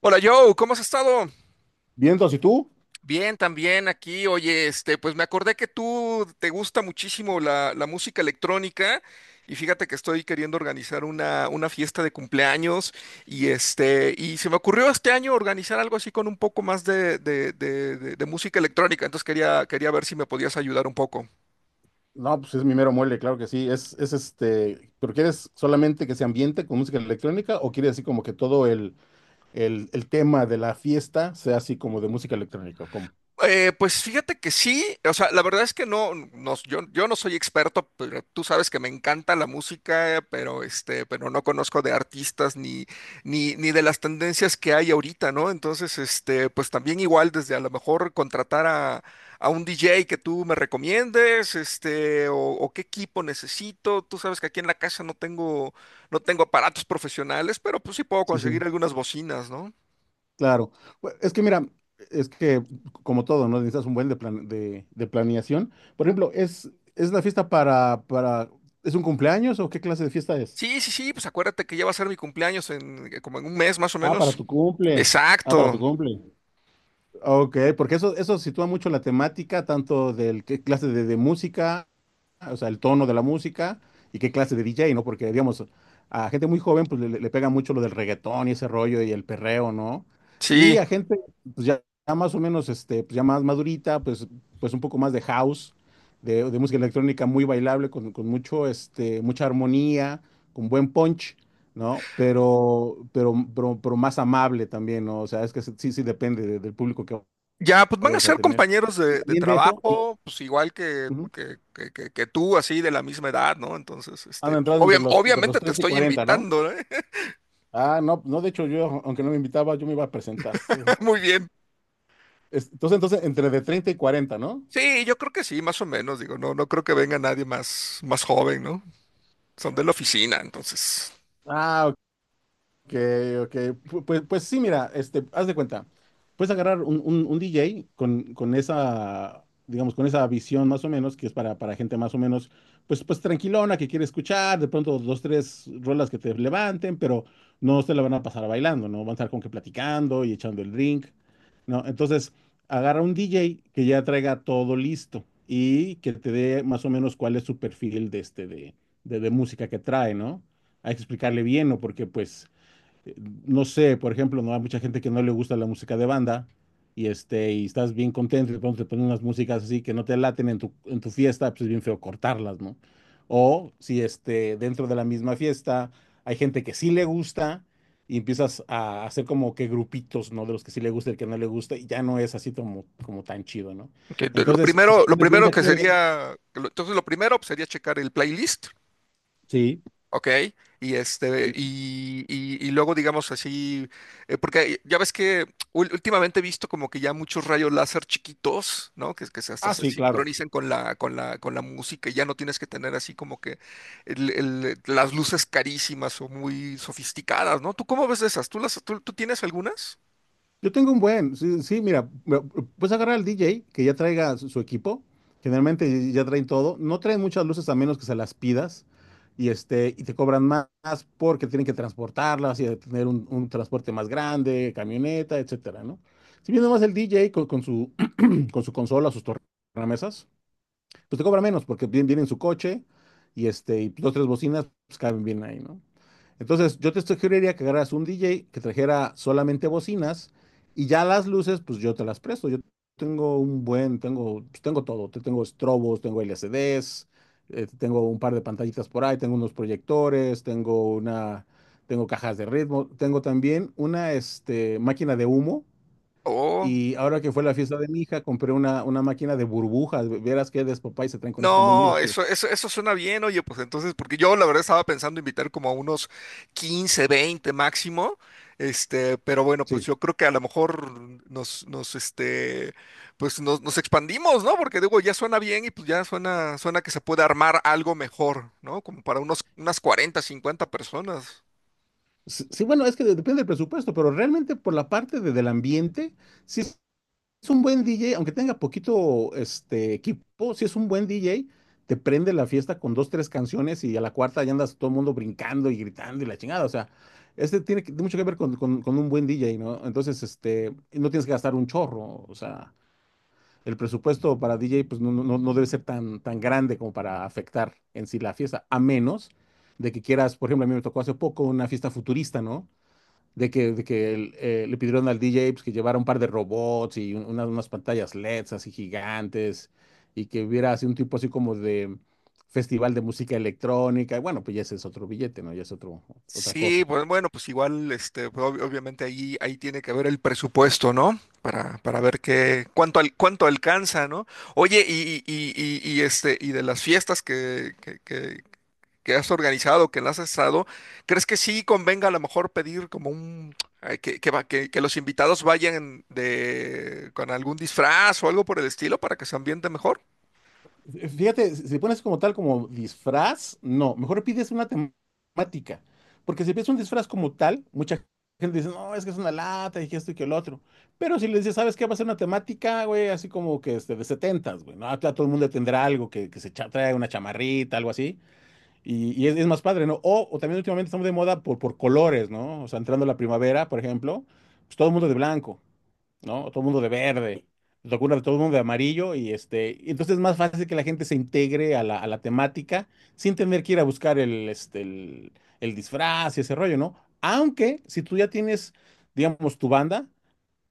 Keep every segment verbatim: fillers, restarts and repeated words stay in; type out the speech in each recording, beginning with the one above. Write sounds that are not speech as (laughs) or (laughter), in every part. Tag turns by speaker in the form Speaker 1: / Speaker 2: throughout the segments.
Speaker 1: Hola Joe, ¿cómo has estado?
Speaker 2: Vientos, ¿y tú?
Speaker 1: Bien, también aquí. Oye, este, pues me acordé que tú te gusta muchísimo la, la música electrónica y fíjate que estoy queriendo organizar una, una fiesta de cumpleaños y este, y se me ocurrió este año organizar algo así con un poco más de, de- de- de- de música electrónica. Entonces quería, quería ver si me podías ayudar un poco.
Speaker 2: No, pues es mi mero muele, claro que sí. Es, es este, pero ¿quieres solamente que se ambiente con música electrónica o quieres así como que todo el, el, el tema de la fiesta sea así como de música electrónica? ¿O cómo?
Speaker 1: Eh, pues fíjate que sí, o sea, la verdad es que no, no yo, yo no soy experto, pero tú sabes que me encanta la música, pero este, pero no conozco de artistas ni, ni, ni de las tendencias que hay ahorita, ¿no? Entonces, este, pues también igual desde a lo mejor contratar a, a un D J que tú me recomiendes, este, o, o qué equipo necesito. Tú sabes que aquí en la casa no tengo, no tengo aparatos profesionales, pero pues sí puedo
Speaker 2: Sí, sí,
Speaker 1: conseguir algunas bocinas, ¿no?
Speaker 2: claro. Bu- Es que mira. Es que, Como todo, ¿no? Necesitas un buen de, plan- de, de planeación. Por ejemplo, ¿es, es la fiesta para, para, ¿es un cumpleaños o qué clase de fiesta es?
Speaker 1: Sí, sí, sí, pues acuérdate que ya va a ser mi cumpleaños en eh, como en un mes más o
Speaker 2: Ah, para
Speaker 1: menos.
Speaker 2: tu cumple. Ah, para tu
Speaker 1: Exacto,
Speaker 2: cumple. Ok, porque eso, eso sitúa mucho la temática, tanto del qué clase de, de música, o sea, el tono de la música y qué clase de D J, ¿no? Porque, digamos, a gente muy joven, pues le, le- le pega mucho lo del reggaetón y ese rollo y el perreo, ¿no? Y
Speaker 1: sí.
Speaker 2: a gente, pues ya, ya más o menos, este, pues ya más madurita, pues, pues un poco más de house, de, de música electrónica muy bailable, con, con mucho, este, mucha armonía, con buen punch. ¿No? Pero, pero, pero, pero más amable también, ¿no? O sea, es que sí, sí depende de- del público que
Speaker 1: Ya, pues van a
Speaker 2: vayas a
Speaker 1: ser
Speaker 2: tener.
Speaker 1: compañeros de, de
Speaker 2: También de eso, y-
Speaker 1: trabajo, pues igual que,
Speaker 2: Ujú,
Speaker 1: que, que, que- que tú, así de la misma edad, ¿no? Entonces,
Speaker 2: han
Speaker 1: este, pues,
Speaker 2: entrado entre
Speaker 1: obvia-
Speaker 2: los, entre los
Speaker 1: obviamente te
Speaker 2: treinta y
Speaker 1: estoy
Speaker 2: cuarenta ¿no?
Speaker 1: invitando, ¿eh?
Speaker 2: Ah, no, no, de hecho yo, aunque no me invitaba, yo me iba a presentar, de todos
Speaker 1: (laughs)
Speaker 2: modos.
Speaker 1: Muy bien.
Speaker 2: Es- Entonces, entonces, entre de treinta y cuarenta, ¿no?
Speaker 1: Sí, yo creo que sí, más o menos, digo, no, no creo que venga nadie más, más joven, ¿no? Son de la oficina, entonces.
Speaker 2: Ah, ok, ok. Pu- Pues, pues sí, mira, este, haz de cuenta. Puedes agarrar un, un- un D J con, con esa, digamos, con esa visión más o menos, que es para, para gente más o menos, pues, pues tranquilona, que quiere escuchar, de pronto dos, tres rolas que te levanten, pero no se la van a pasar bailando, ¿no? Van a estar con que platicando y echando el drink, ¿no? Entonces, agarra un D J que ya traiga todo listo y que te dé más o menos cuál es su perfil de este, de, de, de música que trae, ¿no? Hay que explicarle bien, ¿no? Porque pues eh, no sé, por ejemplo, no hay mucha gente que no le gusta la música de banda y este y estás bien contento y de pronto te ponen unas músicas así que no te laten en tu, en tu fiesta, pues es bien feo cortarlas, ¿no? O si este dentro de la misma fiesta hay gente que sí le gusta y empiezas a hacer como que grupitos, ¿no? De los que sí le gusta y el que no le gusta y ya no es así como, como tan chido, ¿no?
Speaker 1: Que lo
Speaker 2: Entonces, si te
Speaker 1: primero, lo
Speaker 2: pones bien
Speaker 1: primero
Speaker 2: de
Speaker 1: que
Speaker 2: acuerdo,
Speaker 1: sería, lo- entonces lo primero pues, sería checar el playlist.
Speaker 2: sí,
Speaker 1: Ok, y este, y, y- y luego digamos así, eh, porque ya ves que ul- últimamente he visto como que ya muchos rayos láser chiquitos, ¿no? Que, que se hasta
Speaker 2: ah,
Speaker 1: se
Speaker 2: sí, claro.
Speaker 1: sincronizan con la, con la, con la música, y ya no tienes que tener así como que el- el- las luces carísimas o muy sofisticadas, ¿no? ¿Tú cómo ves de esas? ¿Tú las, tú, tú tienes algunas?
Speaker 2: Yo tengo un buen, sí, sí, mira, bueno, puedes agarrar al D J que ya traiga su, su equipo, generalmente ya traen todo, no traen muchas luces a menos que se las pidas y, este, y te cobran más porque tienen que transportarlas y de tener un, un transporte más grande, camioneta, etcétera, ¿no? Si viene más el D J con, con su, (clears throat) con su consola, sus tornamesas, pues te cobra menos porque viene, viene en su coche y este, y dos, tres bocinas, pues caben bien ahí, ¿no? Entonces, yo te sugeriría que agarras un D J que trajera solamente bocinas y ya las luces, pues yo te las presto. Yo tengo un buen, tengo, pues, tengo todo. Te- Tengo estrobos, tengo L C Ds, eh, tengo un par de pantallitas por ahí, tengo unos proyectores, tengo una, tengo cajas de ritmo, tengo también una, este, máquina de humo
Speaker 1: Oh.
Speaker 2: y ahora que fue la fiesta de mi hija, compré una, una máquina de burbujas. ve- Verás qué despapá y se traen con eso. Está muy, muy
Speaker 1: No,
Speaker 2: divertido.
Speaker 1: eso, eso, eso suena bien, oye, pues entonces, porque yo la verdad estaba pensando invitar como a unos quince, veinte máximo, este, pero bueno, pues
Speaker 2: Sí.
Speaker 1: yo creo que a lo mejor nos, nos, este, pues nos, nos expandimos, ¿no? Porque digo, ya suena bien y pues ya suena, suena que se puede armar algo mejor, ¿no? Como para unos, unas cuarenta, cincuenta personas.
Speaker 2: S- Sí, bueno, es que de- depende del presupuesto, pero realmente por la parte de- del ambiente, si es es un buen D J, aunque tenga poquito, este, equipo, si es un buen D J, te prende la fiesta con dos, tres canciones y a la cuarta ya andas todo el mundo brincando y gritando y la chingada. O sea, este tiene que- mucho que ver con, con- con un buen D J, ¿no? Entonces, este, no tienes que gastar un chorro. O sea, el presupuesto para D J pues no, no, no no debe ser tan, tan grande como para afectar en sí la fiesta, a menos de que quieras, por ejemplo, a mí me tocó hace poco una fiesta futurista, ¿no? De que, de que el- eh, le pidieron al D J pues, que llevara un par de robots y un- unas, unas pantallas L E Ds así gigantes y que hubiera así un tipo así como de festival de música electrónica. Y bueno, pues ya ese es otro billete, ¿no? Ya es otro, otra
Speaker 1: Sí,
Speaker 2: cosa.
Speaker 1: bueno, bueno, pues igual, este, pues, ob- obviamente ahí, ahí tiene que ver el presupuesto, ¿no? Para, para ver qué, cuánto, al- cuánto alcanza, ¿no? Oye, y, y, y, y- y, este, y de las fiestas que, que, que- que has organizado, que las has estado, ¿crees que sí convenga a lo mejor pedir como un, ay, que, que, va- que, que los invitados vayan de, con algún disfraz o algo por el estilo para que se ambiente mejor?
Speaker 2: Fíjate, si si pones como tal, como disfraz, no, mejor pides una temática, porque si pides un disfraz como tal, mucha gente dice, no, es que es una lata y que esto y que el otro, pero si le dices, ¿sabes qué? Va a ser una temática, güey, así como que este, de setentas, güey, ¿no? Ah, claro, todo el mundo tendrá algo que, que se cha- trae una chamarrita, algo así, y, y es, es más padre, ¿no? O, o también últimamente estamos de moda por, por colores, ¿no? O sea, entrando la primavera, por ejemplo, pues todo el mundo de blanco. ¿No? Todo el mundo de verde, te ocurre todo el mundo de amarillo y este, y entonces es más fácil que la gente se integre a la, a la temática sin tener que ir a buscar el, este, el, el disfraz y ese rollo, ¿no? Aunque si tú ya tienes, digamos, tu banda,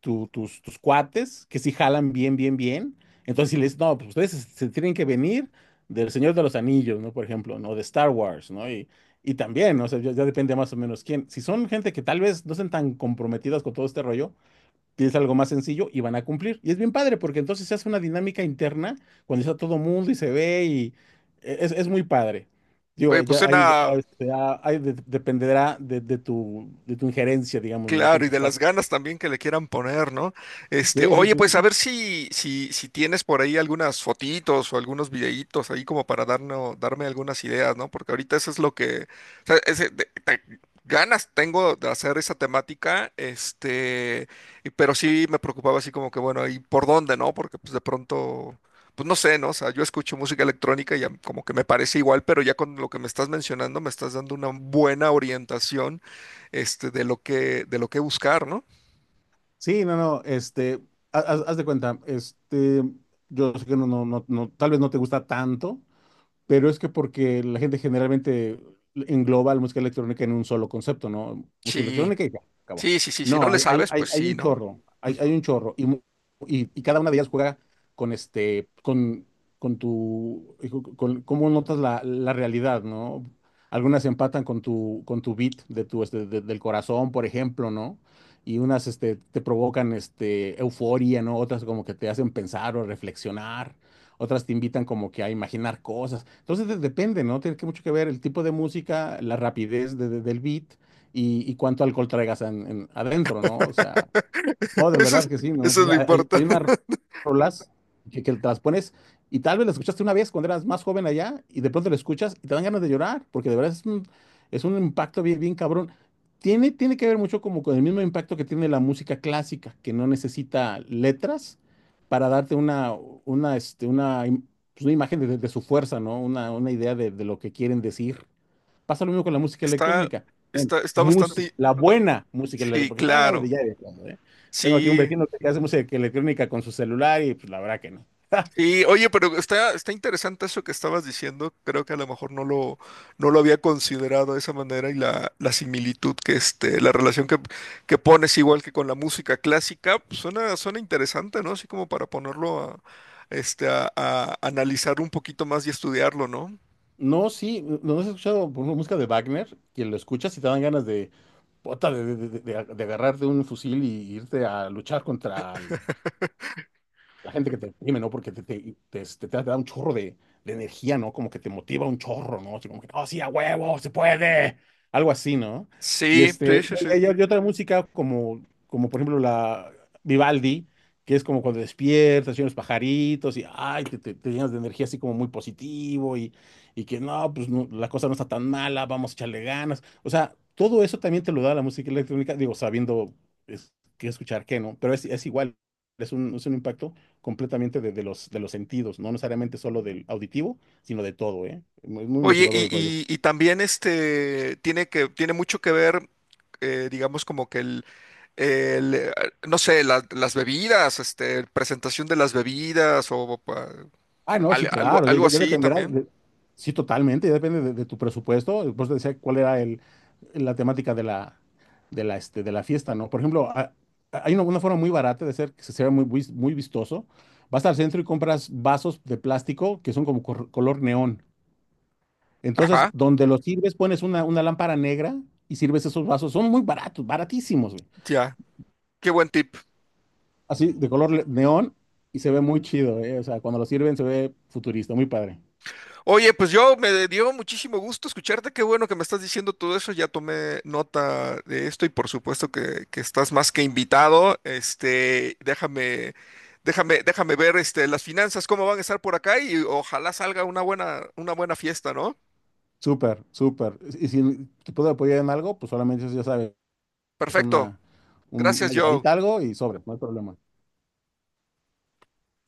Speaker 2: tu- tus, tus cuates, que si jalan bien, bien, bien, entonces si les, no, pues ustedes se, se tienen que venir del Señor de los Anillos, ¿no? Por ejemplo, ¿no? De Star Wars, ¿no? Y, y también, ¿no? O sea, ya ya depende más o menos quién. Si son gente que tal vez no estén tan comprometidas con todo este rollo, tienes algo más sencillo y van a cumplir. Y es bien padre porque entonces se hace una dinámica interna cuando está todo mundo y se ve y e, es, es muy padre. Digo,
Speaker 1: Oye, pues
Speaker 2: ya ahí, va- ah,
Speaker 1: suena,
Speaker 2: este, ah, ahí de- dependerá de, de tu, de tu injerencia, digamos, ¿no? Con
Speaker 1: claro, y
Speaker 2: tus
Speaker 1: de las
Speaker 2: cuatro.
Speaker 1: ganas también que le quieran poner, ¿no? Este,
Speaker 2: Sí, sí,
Speaker 1: oye,
Speaker 2: sí,
Speaker 1: pues a
Speaker 2: sí.
Speaker 1: ver si, si, si tienes por ahí algunas fotitos o algunos videitos ahí como para darnos, darme algunas ideas, ¿no? Porque ahorita eso es lo que, o sea, ese- de- te- ganas tengo de hacer esa temática, este, y- pero sí me preocupaba así como que, bueno, ¿y por dónde, no? Porque pues de pronto, pues no sé, ¿no? O sea, yo escucho música electrónica y ya como que me parece igual, pero ya con lo que me estás mencionando me estás dando una buena orientación este, de lo que, de lo que buscar, ¿no?
Speaker 2: Sí, no, no, este, ha- haz, haz de cuenta, este, yo sé que no, no, no, no, tal vez no te gusta tanto, pero es que porque la gente generalmente engloba la música electrónica en un solo concepto, ¿no? Música
Speaker 1: Sí,
Speaker 2: electrónica y ya, acabó.
Speaker 1: sí, sí, sí, si no
Speaker 2: No,
Speaker 1: le
Speaker 2: hay, hay,
Speaker 1: sabes,
Speaker 2: hay-
Speaker 1: pues
Speaker 2: hay
Speaker 1: sí,
Speaker 2: un
Speaker 1: ¿no?
Speaker 2: chorro, hay, hay un chorro. Y, mu- y, y cada una de ellas juega con este, con, con tu, eh, con, cómo notas la, la realidad, ¿no? Algunas empatan con tu, con tu beat de tu, este, de- del corazón, por ejemplo, ¿no? Y unas, este, te provocan, este, euforia, ¿no? Otras como que te hacen pensar o reflexionar. Otras te invitan como que a imaginar cosas. Entonces de- depende, ¿no? Tiene que mucho que ver el tipo de música, la rapidez de- de- del beat y, y cuánto alcohol traigas en- en- adentro, ¿no? O sea, no,
Speaker 1: (laughs)
Speaker 2: de
Speaker 1: Eso
Speaker 2: verdad
Speaker 1: es,
Speaker 2: que sí, ¿no?
Speaker 1: eso es lo
Speaker 2: Hay, hay
Speaker 1: importante.
Speaker 2: unas
Speaker 1: (laughs)
Speaker 2: rolas que, que te las pones y tal vez las escuchaste una vez cuando eras más joven allá y de pronto la escuchas y te dan ganas de llorar, porque de verdad es un, es un impacto bien, bien cabrón. Tiene, tiene que ver mucho como con el mismo impacto que tiene la música clásica, que no necesita letras para darte una, una, este, una, im- pues, una imagen de, de- su fuerza, ¿no? Una, una idea de, de lo que quieren decir. Pasa lo mismo con la música
Speaker 1: Está,
Speaker 2: electrónica. Bueno,
Speaker 1: está, está
Speaker 2: música,
Speaker 1: bastante...
Speaker 2: la
Speaker 1: ba-
Speaker 2: buena música electrónica,
Speaker 1: Sí,
Speaker 2: porque también hay de
Speaker 1: claro.
Speaker 2: ya de fondo, ¿eh? Tengo aquí un
Speaker 1: Sí,
Speaker 2: vecino que hace música electrónica con su celular y pues la verdad que no. (laughs)
Speaker 1: sí, oye, pero está, está interesante eso que estabas diciendo. Creo que a lo mejor no lo, no lo había considerado de esa manera y la, la similitud que este, la relación que, que pones igual que con la música clásica, pues, suena, suena interesante, ¿no? Así como para ponerlo a, este, a, a analizar un poquito más y estudiarlo, ¿no?
Speaker 2: No, sí, no has escuchado por ejemplo, música de Wagner, quien lo escucha si te dan ganas de, puta, de, de, de- de de agarrarte un fusil y irte a luchar contra el la gente que te deprime, ¿no? Porque te, te, te, te- este, te da un chorro de, de energía, ¿no? Como que te motiva un chorro, ¿no? Así como que, oh, sí, a huevo, se puede. Algo así, ¿no? Y
Speaker 1: Sí, sí,
Speaker 2: este,
Speaker 1: sí, sí.
Speaker 2: y, y- y otra música como, como por ejemplo la Vivaldi, que es como cuando despiertas y los pajaritos y, ay, te, te- te llenas de energía así como muy positivo y, y que no, pues no, la cosa no está tan mala, vamos a echarle ganas. O sea, todo eso también te lo da la música electrónica, digo, sabiendo es- qué escuchar, qué no, pero es, es igual, es un, es un impacto completamente de, de los, de los sentidos, no necesariamente solo del auditivo, sino de todo, ¿eh? Muy- muy
Speaker 1: Oye,
Speaker 2: motivador
Speaker 1: y,
Speaker 2: el rollo.
Speaker 1: y, y también este tiene que, tiene mucho que ver, eh, digamos, como que el, eh, no sé, la- las bebidas, este, presentación de las bebidas o pa-
Speaker 2: Ah, no, sí,
Speaker 1: al- algo,
Speaker 2: claro, ya,
Speaker 1: algo
Speaker 2: ya- ya
Speaker 1: así
Speaker 2: dependerá,
Speaker 1: también.
Speaker 2: de- sí, totalmente, ya depende de, de tu presupuesto. Por eso decía cuál era el, la temática de la, de la, este, de la fiesta, ¿no? Por ejemplo, a- a- hay una, una forma muy barata de hacer que se vea muy, vis- muy vistoso. Vas al centro y compras vasos de plástico que son como cor- color neón. Entonces,
Speaker 1: Ajá,
Speaker 2: donde los sirves, pones una, una lámpara negra y sirves esos vasos. Son muy baratos, baratísimos, güey.
Speaker 1: ya. Qué buen tip.
Speaker 2: Así de color neón y se ve muy chido, ¿eh? O sea, cuando lo sirven se ve futurista, muy padre.
Speaker 1: Oye, pues yo me dio muchísimo gusto escucharte. Qué bueno que me estás diciendo todo eso. Ya tomé nota de esto y por supuesto que, que estás más que invitado. Este, déjame, déjame, déjame ver, este, las finanzas, cómo van a estar por acá y ojalá salga una buena, una buena fiesta, ¿no?
Speaker 2: Súper, súper. Y si te puedo apoyar en algo, pues solamente ya sabes, es
Speaker 1: Perfecto.
Speaker 2: una, un-
Speaker 1: Gracias,
Speaker 2: una
Speaker 1: Joe.
Speaker 2: llamadita, algo y sobre, no hay problema.